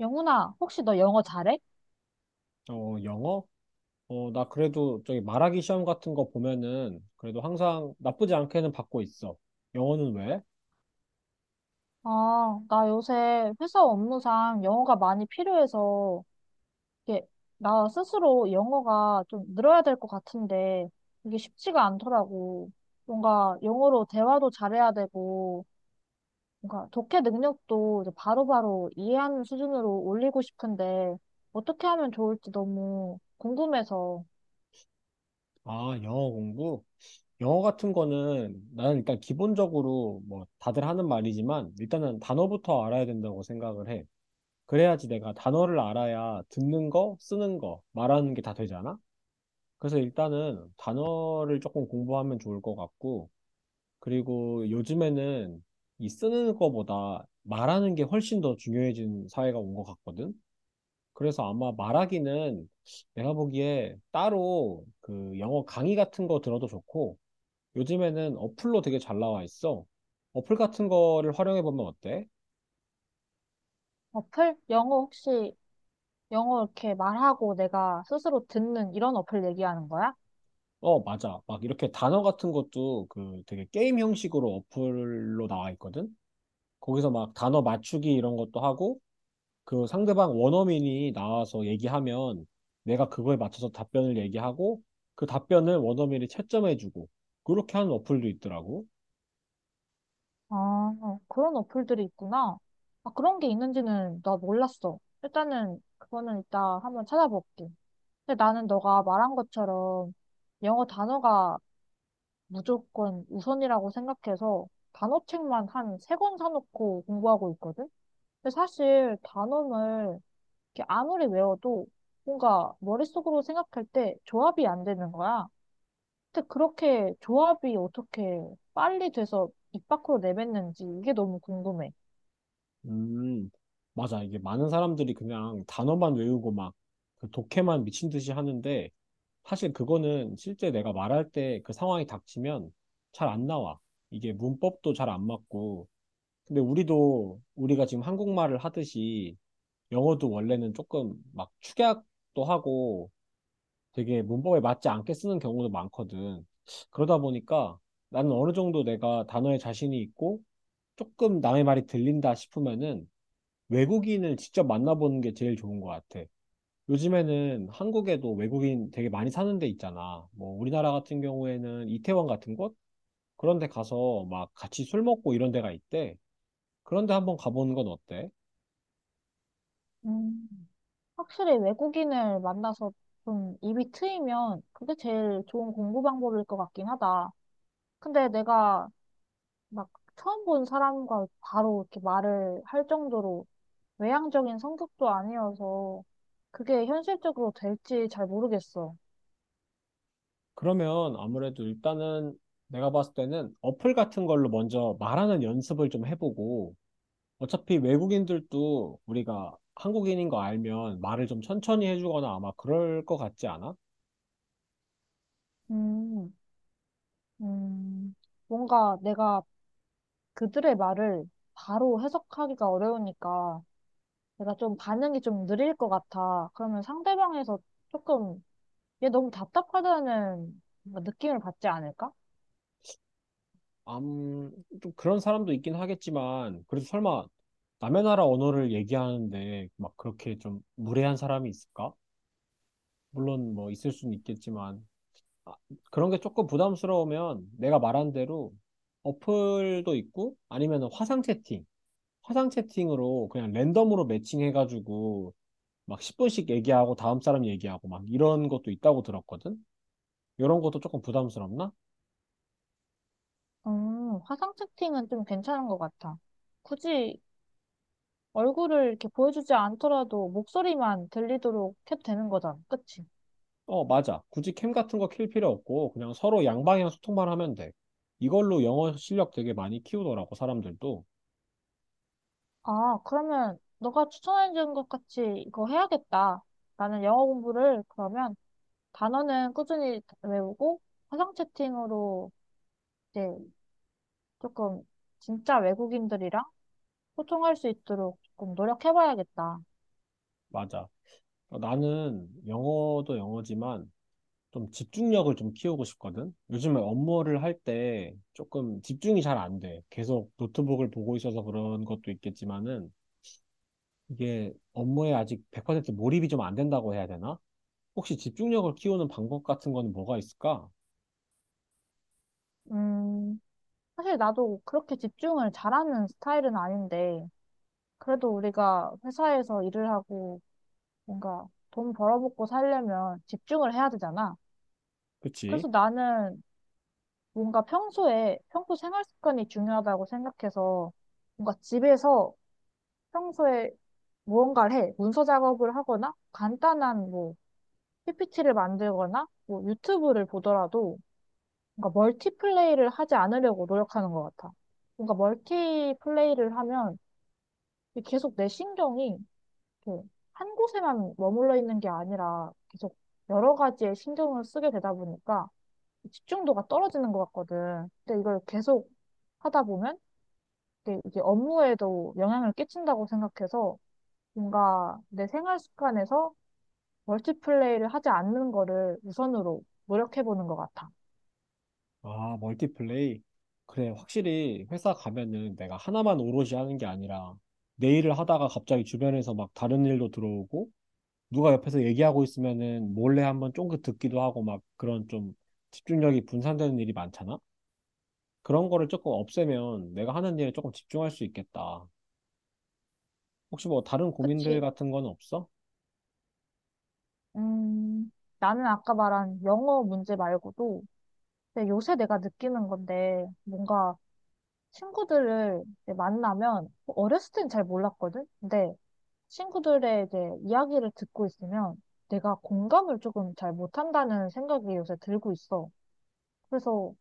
영훈아, 혹시 너 영어 잘해? 어, 영어? 어, 나 그래도 저기 말하기 시험 같은 거 보면은 그래도 항상 나쁘지 않게는 받고 있어. 영어는 왜? 아, 나 요새 회사 업무상 영어가 많이 필요해서, 이게, 나 스스로 영어가 좀 늘어야 될 것 같은데, 이게 쉽지가 않더라고. 뭔가 영어로 대화도 잘해야 되고, 뭔가 독해 능력도 이제 바로바로 이해하는 수준으로 올리고 싶은데, 어떻게 하면 좋을지 너무 궁금해서. 아, 영어 공부? 영어 같은 거는 나는 일단 기본적으로 뭐 다들 하는 말이지만 일단은 단어부터 알아야 된다고 생각을 해. 그래야지 내가 단어를 알아야 듣는 거, 쓰는 거, 말하는 게 다 되잖아? 그래서 일단은 단어를 조금 공부하면 좋을 것 같고, 그리고 요즘에는 이 쓰는 거보다 말하는 게 훨씬 더 중요해진 사회가 온 것 같거든. 그래서 아마 말하기는 내가 보기에 따로 그 영어 강의 같은 거 들어도 좋고, 요즘에는 어플로 되게 잘 나와 있어. 어플 같은 거를 활용해 보면 어때? 어플? 영어 혹시, 영어 이렇게 말하고 내가 스스로 듣는 이런 어플 얘기하는 거야? 어, 맞아. 막 이렇게 단어 같은 것도 그 되게 게임 형식으로 어플로 나와 있거든. 거기서 막 단어 맞추기 이런 것도 하고, 그 상대방 원어민이 나와서 얘기하면 내가 그거에 맞춰서 답변을 얘기하고, 그 답변을 원어민이 채점해주고, 그렇게 하는 어플도 있더라고. 아, 그런 어플들이 있구나. 아, 그런 게 있는지는 나 몰랐어. 일단은 그거는 이따 한번 찾아볼게. 근데 나는 너가 말한 것처럼 영어 단어가 무조건 우선이라고 생각해서 단어책만 한 세 권 사놓고 공부하고 있거든? 근데 사실 단어를 이렇게 아무리 외워도 뭔가 머릿속으로 생각할 때 조합이 안 되는 거야. 근데 그렇게 조합이 어떻게 빨리 돼서 입 밖으로 내뱉는지 이게 너무 궁금해. 음, 맞아. 이게 많은 사람들이 그냥 단어만 외우고 막 그 독해만 미친 듯이 하는데, 사실 그거는 실제 내가 말할 때 그 상황이 닥치면 잘 안 나와. 이게 문법도 잘 안 맞고. 근데 우리도 우리가 지금 한국말을 하듯이 영어도 원래는 조금 막 축약도 하고 되게 문법에 맞지 않게 쓰는 경우도 많거든. 그러다 보니까 나는 어느 정도 내가 단어에 자신이 있고 조금 남의 말이 들린다 싶으면은 외국인을 직접 만나보는 게 제일 좋은 것 같아. 요즘에는 한국에도 외국인 되게 많이 사는 데 있잖아. 뭐 우리나라 같은 경우에는 이태원 같은 곳? 그런 데 가서 막 같이 술 먹고 이런 데가 있대. 그런 데 한번 가보는 건 어때? 음, 확실히 외국인을 만나서 좀 입이 트이면 그게 제일 좋은 공부 방법일 것 같긴 하다. 근데 내가 막 처음 본 사람과 바로 이렇게 말을 할 정도로 외향적인 성격도 아니어서 그게 현실적으로 될지 잘 모르겠어. 그러면 아무래도 일단은 내가 봤을 때는 어플 같은 걸로 먼저 말하는 연습을 좀 해보고, 어차피 외국인들도 우리가 한국인인 거 알면 말을 좀 천천히 해주거나 아마 그럴 것 같지 않아? 음, 음, 뭔가 내가 그들의 말을 바로 해석하기가 어려우니까 내가 좀 반응이 좀 느릴 것 같아. 그러면 상대방에서 조금 얘 너무 답답하다는 뭔가 느낌을 받지 않을까? 암, 좀 그런 사람도 있긴 하겠지만, 그래도 설마 남의 나라 언어를 얘기하는데 막 그렇게 좀 무례한 사람이 있을까? 물론 뭐 있을 수는 있겠지만, 아, 그런 게 조금 부담스러우면 내가 말한 대로 어플도 있고 아니면 화상 채팅, 화상 채팅으로 그냥 랜덤으로 매칭해가지고 막 10분씩 얘기하고 다음 사람 얘기하고 막 이런 것도 있다고 들었거든? 이런 것도 조금 부담스럽나? 화상 채팅은 좀 괜찮은 것 같아. 굳이 얼굴을 이렇게 보여주지 않더라도 목소리만 들리도록 해도 되는 거잖아. 그치? 어, 맞아. 굳이 캠 같은 거 킬 필요 없고 그냥 서로 양방향 소통만 하면 돼. 이걸로 영어 실력 되게 많이 키우더라고, 사람들도. 아, 그러면 너가 추천해준 것 같이 이거 해야겠다. 나는 영어 공부를 그러면 단어는 꾸준히 외우고 화상 채팅으로 이제 조금 진짜 외국인들이랑 소통할 수 있도록 조금 노력해봐야겠다. 맞아. 어, 나는 영어도 영어지만 좀 집중력을 좀 키우고 싶거든? 요즘에 업무를 할 때 조금 집중이 잘 안 돼. 계속 노트북을 보고 있어서 그런 것도 있겠지만은 이게 업무에 아직 100% 몰입이 좀 안 된다고 해야 되나? 혹시 집중력을 키우는 방법 같은 거는 뭐가 있을까? 음. 사실 나도 그렇게 집중을 잘하는 스타일은 아닌데, 그래도 우리가 회사에서 일을 하고 뭔가 돈 벌어먹고 살려면 집중을 해야 되잖아. 그치? 그래서 나는 뭔가 평소에, 평소 생활 습관이 중요하다고 생각해서 뭔가 집에서 평소에 무언가를 해. 문서 작업을 하거나 간단한 뭐 PPT를 만들거나 뭐 유튜브를 보더라도 뭔가 멀티플레이를 하지 않으려고 노력하는 것 같아. 뭔가 멀티플레이를 하면 이게 계속 내 신경이 이렇게 한 곳에만 머물러 있는 게 아니라 계속 여러 가지의 신경을 쓰게 되다 보니까 집중도가 떨어지는 것 같거든. 근데 이걸 계속 하다 보면 이게 업무에도 영향을 끼친다고 생각해서 뭔가 내 생활 습관에서 멀티플레이를 하지 않는 거를 우선으로 노력해 보는 것 같아. 아, 멀티플레이. 그래, 확실히 회사 가면은 내가 하나만 오롯이 하는 게 아니라 내 일을 하다가 갑자기 주변에서 막 다른 일도 들어오고, 누가 옆에서 얘기하고 있으면은 몰래 한번 쫑긋 듣기도 하고 막 그런 좀 집중력이 분산되는 일이 많잖아? 그런 거를 조금 없애면 내가 하는 일에 조금 집중할 수 있겠다. 혹시 뭐 다른 고민들 그치? 같은 건 없어? 음, 나는 아까 말한 영어 문제 말고도 근데 요새 내가 느끼는 건데 뭔가 친구들을 이제 만나면 어렸을 땐 잘 몰랐거든. 근데 친구들의 이제 이야기를 듣고 있으면 내가 공감을 조금 잘 못한다는 생각이 요새 들고 있어. 그래서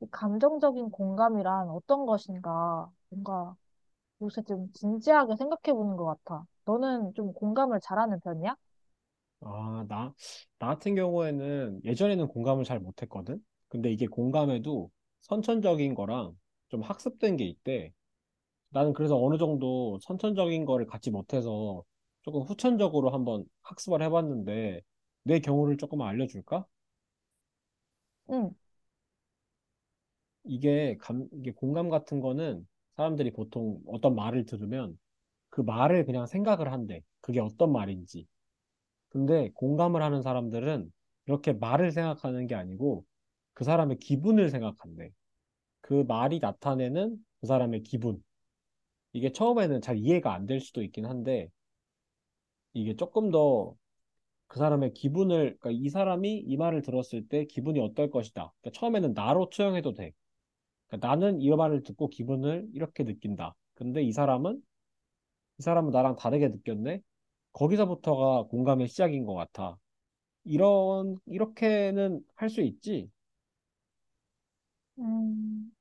이 감정적인 공감이란 어떤 것인가 뭔가 요새 좀 진지하게 생각해 보는 것 같아. 너는 좀 공감을 잘하는 편이야? 아, 나, 나 같은 경우에는 예전에는 공감을 잘 못했거든? 근데 이게 공감에도 선천적인 거랑 좀 학습된 게 있대. 나는 그래서 어느 정도 선천적인 거를 갖지 못해서 조금 후천적으로 한번 학습을 해봤는데 내 경우를 조금 알려줄까? 응. 이게 공감 같은 거는 사람들이 보통 어떤 말을 들으면 그 말을 그냥 생각을 한대. 그게 어떤 말인지. 근데 공감을 하는 사람들은 이렇게 말을 생각하는 게 아니고 그 사람의 기분을 생각한대. 그 말이 나타내는 그 사람의 기분. 이게 처음에는 잘 이해가 안 될 수도 있긴 한데 이게 조금 더 그 사람의 기분을, 그러니까 이 사람이 이 말을 들었을 때 기분이 어떨 것이다. 그러니까 처음에는 나로 투영해도 돼. 그러니까 나는 이 말을 듣고 기분을 이렇게 느낀다. 근데 이 사람은 나랑 다르게 느꼈네. 거기서부터가 공감의 시작인 것 같아. 이런 이렇게는 할 수 있지. 음,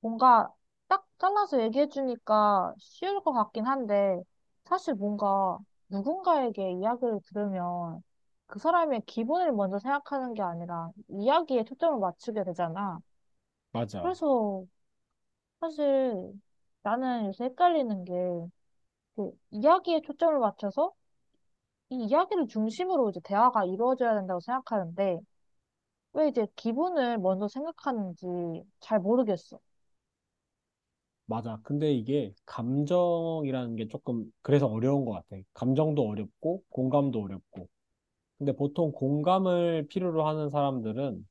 뭔가 딱 잘라서 얘기해주니까 쉬울 것 같긴 한데, 사실 뭔가 누군가에게 이야기를 들으면 그 사람의 기분을 먼저 생각하는 게 아니라 이야기에 초점을 맞추게 되잖아. 맞아. 그래서 사실 나는 요새 헷갈리는 게, 그 이야기에 초점을 맞춰서 이 이야기를 중심으로 이제 대화가 이루어져야 된다고 생각하는데, 왜 이제 기분을 먼저 생각하는지 잘 모르겠어. 맞아. 근데 이게 감정이라는 게 조금 그래서 어려운 것 같아. 감정도 어렵고 공감도 어렵고. 근데 보통 공감을 필요로 하는 사람들은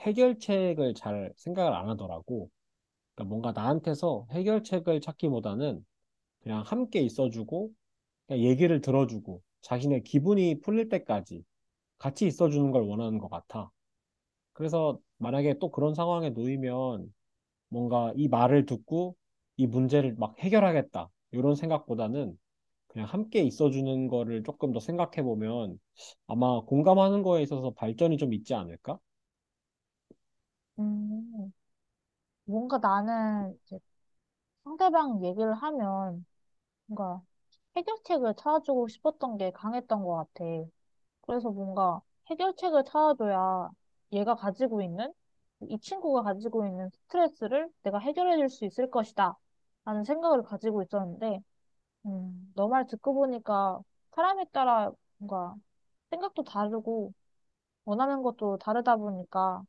해결책을 잘 생각을 안 하더라고. 그러니까 뭔가 나한테서 해결책을 찾기보다는 그냥 함께 있어주고 그냥 얘기를 들어주고 자신의 기분이 풀릴 때까지 같이 있어주는 걸 원하는 것 같아. 그래서 만약에 또 그런 상황에 놓이면 뭔가 이 말을 듣고 이 문제를 막 해결하겠다, 이런 생각보다는 그냥 함께 있어주는 거를 조금 더 생각해보면 아마 공감하는 거에 있어서 발전이 좀 있지 않을까? 음, 뭔가 나는 상대방 얘기를 하면 뭔가 해결책을 찾아주고 싶었던 게 강했던 것 같아. 그래서 뭔가 해결책을 찾아줘야 얘가 가지고 있는, 이 친구가 가지고 있는 스트레스를 내가 해결해 줄 수 있을 것이다. 라는 생각을 가지고 있었는데, 너 말 듣고 보니까 사람에 따라 뭔가 생각도 다르고 원하는 것도 다르다 보니까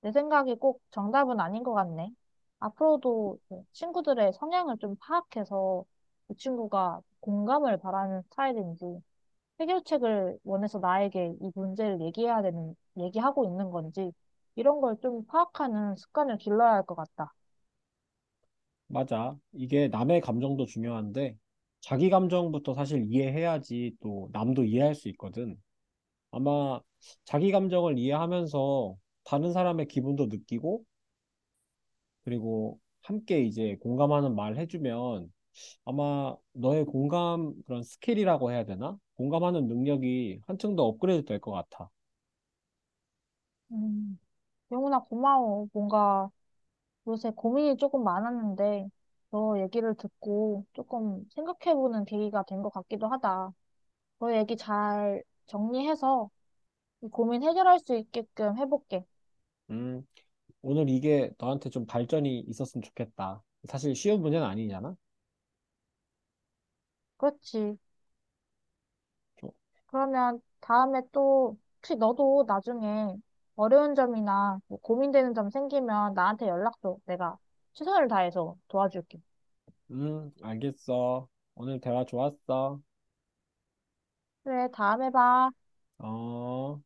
내 생각이 꼭 정답은 아닌 것 같네. 앞으로도 그 친구들의 성향을 좀 파악해서 그 친구가 공감을 바라는 스타일인지, 해결책을 원해서 나에게 이 문제를 얘기해야 얘기하고 있는 건지, 이런 걸 좀 파악하는 습관을 길러야 할 것 같다. 맞아. 이게 남의 감정도 중요한데 자기 감정부터 사실 이해해야지 또 남도 이해할 수 있거든. 아마 자기 감정을 이해하면서 다른 사람의 기분도 느끼고 그리고 함께 이제 공감하는 말 해주면 아마 너의 공감 그런 스킬이라고 해야 되나? 공감하는 능력이 한층 더 업그레이드 될 것 같아. 음, 영훈아, 고마워. 뭔가 요새 고민이 조금 많았는데, 너 얘기를 듣고 조금 생각해보는 계기가 된 것 같기도 하다. 너 얘기 잘 정리해서 이 고민 해결할 수 있게끔 해볼게. 음, 오늘 이게 너한테 좀 발전이 있었으면 좋겠다. 사실 쉬운 문제는 아니잖아. 그렇지. 좀, 그러면 다음에 또, 혹시 너도 나중에 어려운 점이나 뭐 고민되는 점 생기면 나한테 연락 줘. 내가 최선을 다해서 도와줄게. 알겠어. 오늘 대화 좋았어. 그래, 다음에 봐. 어.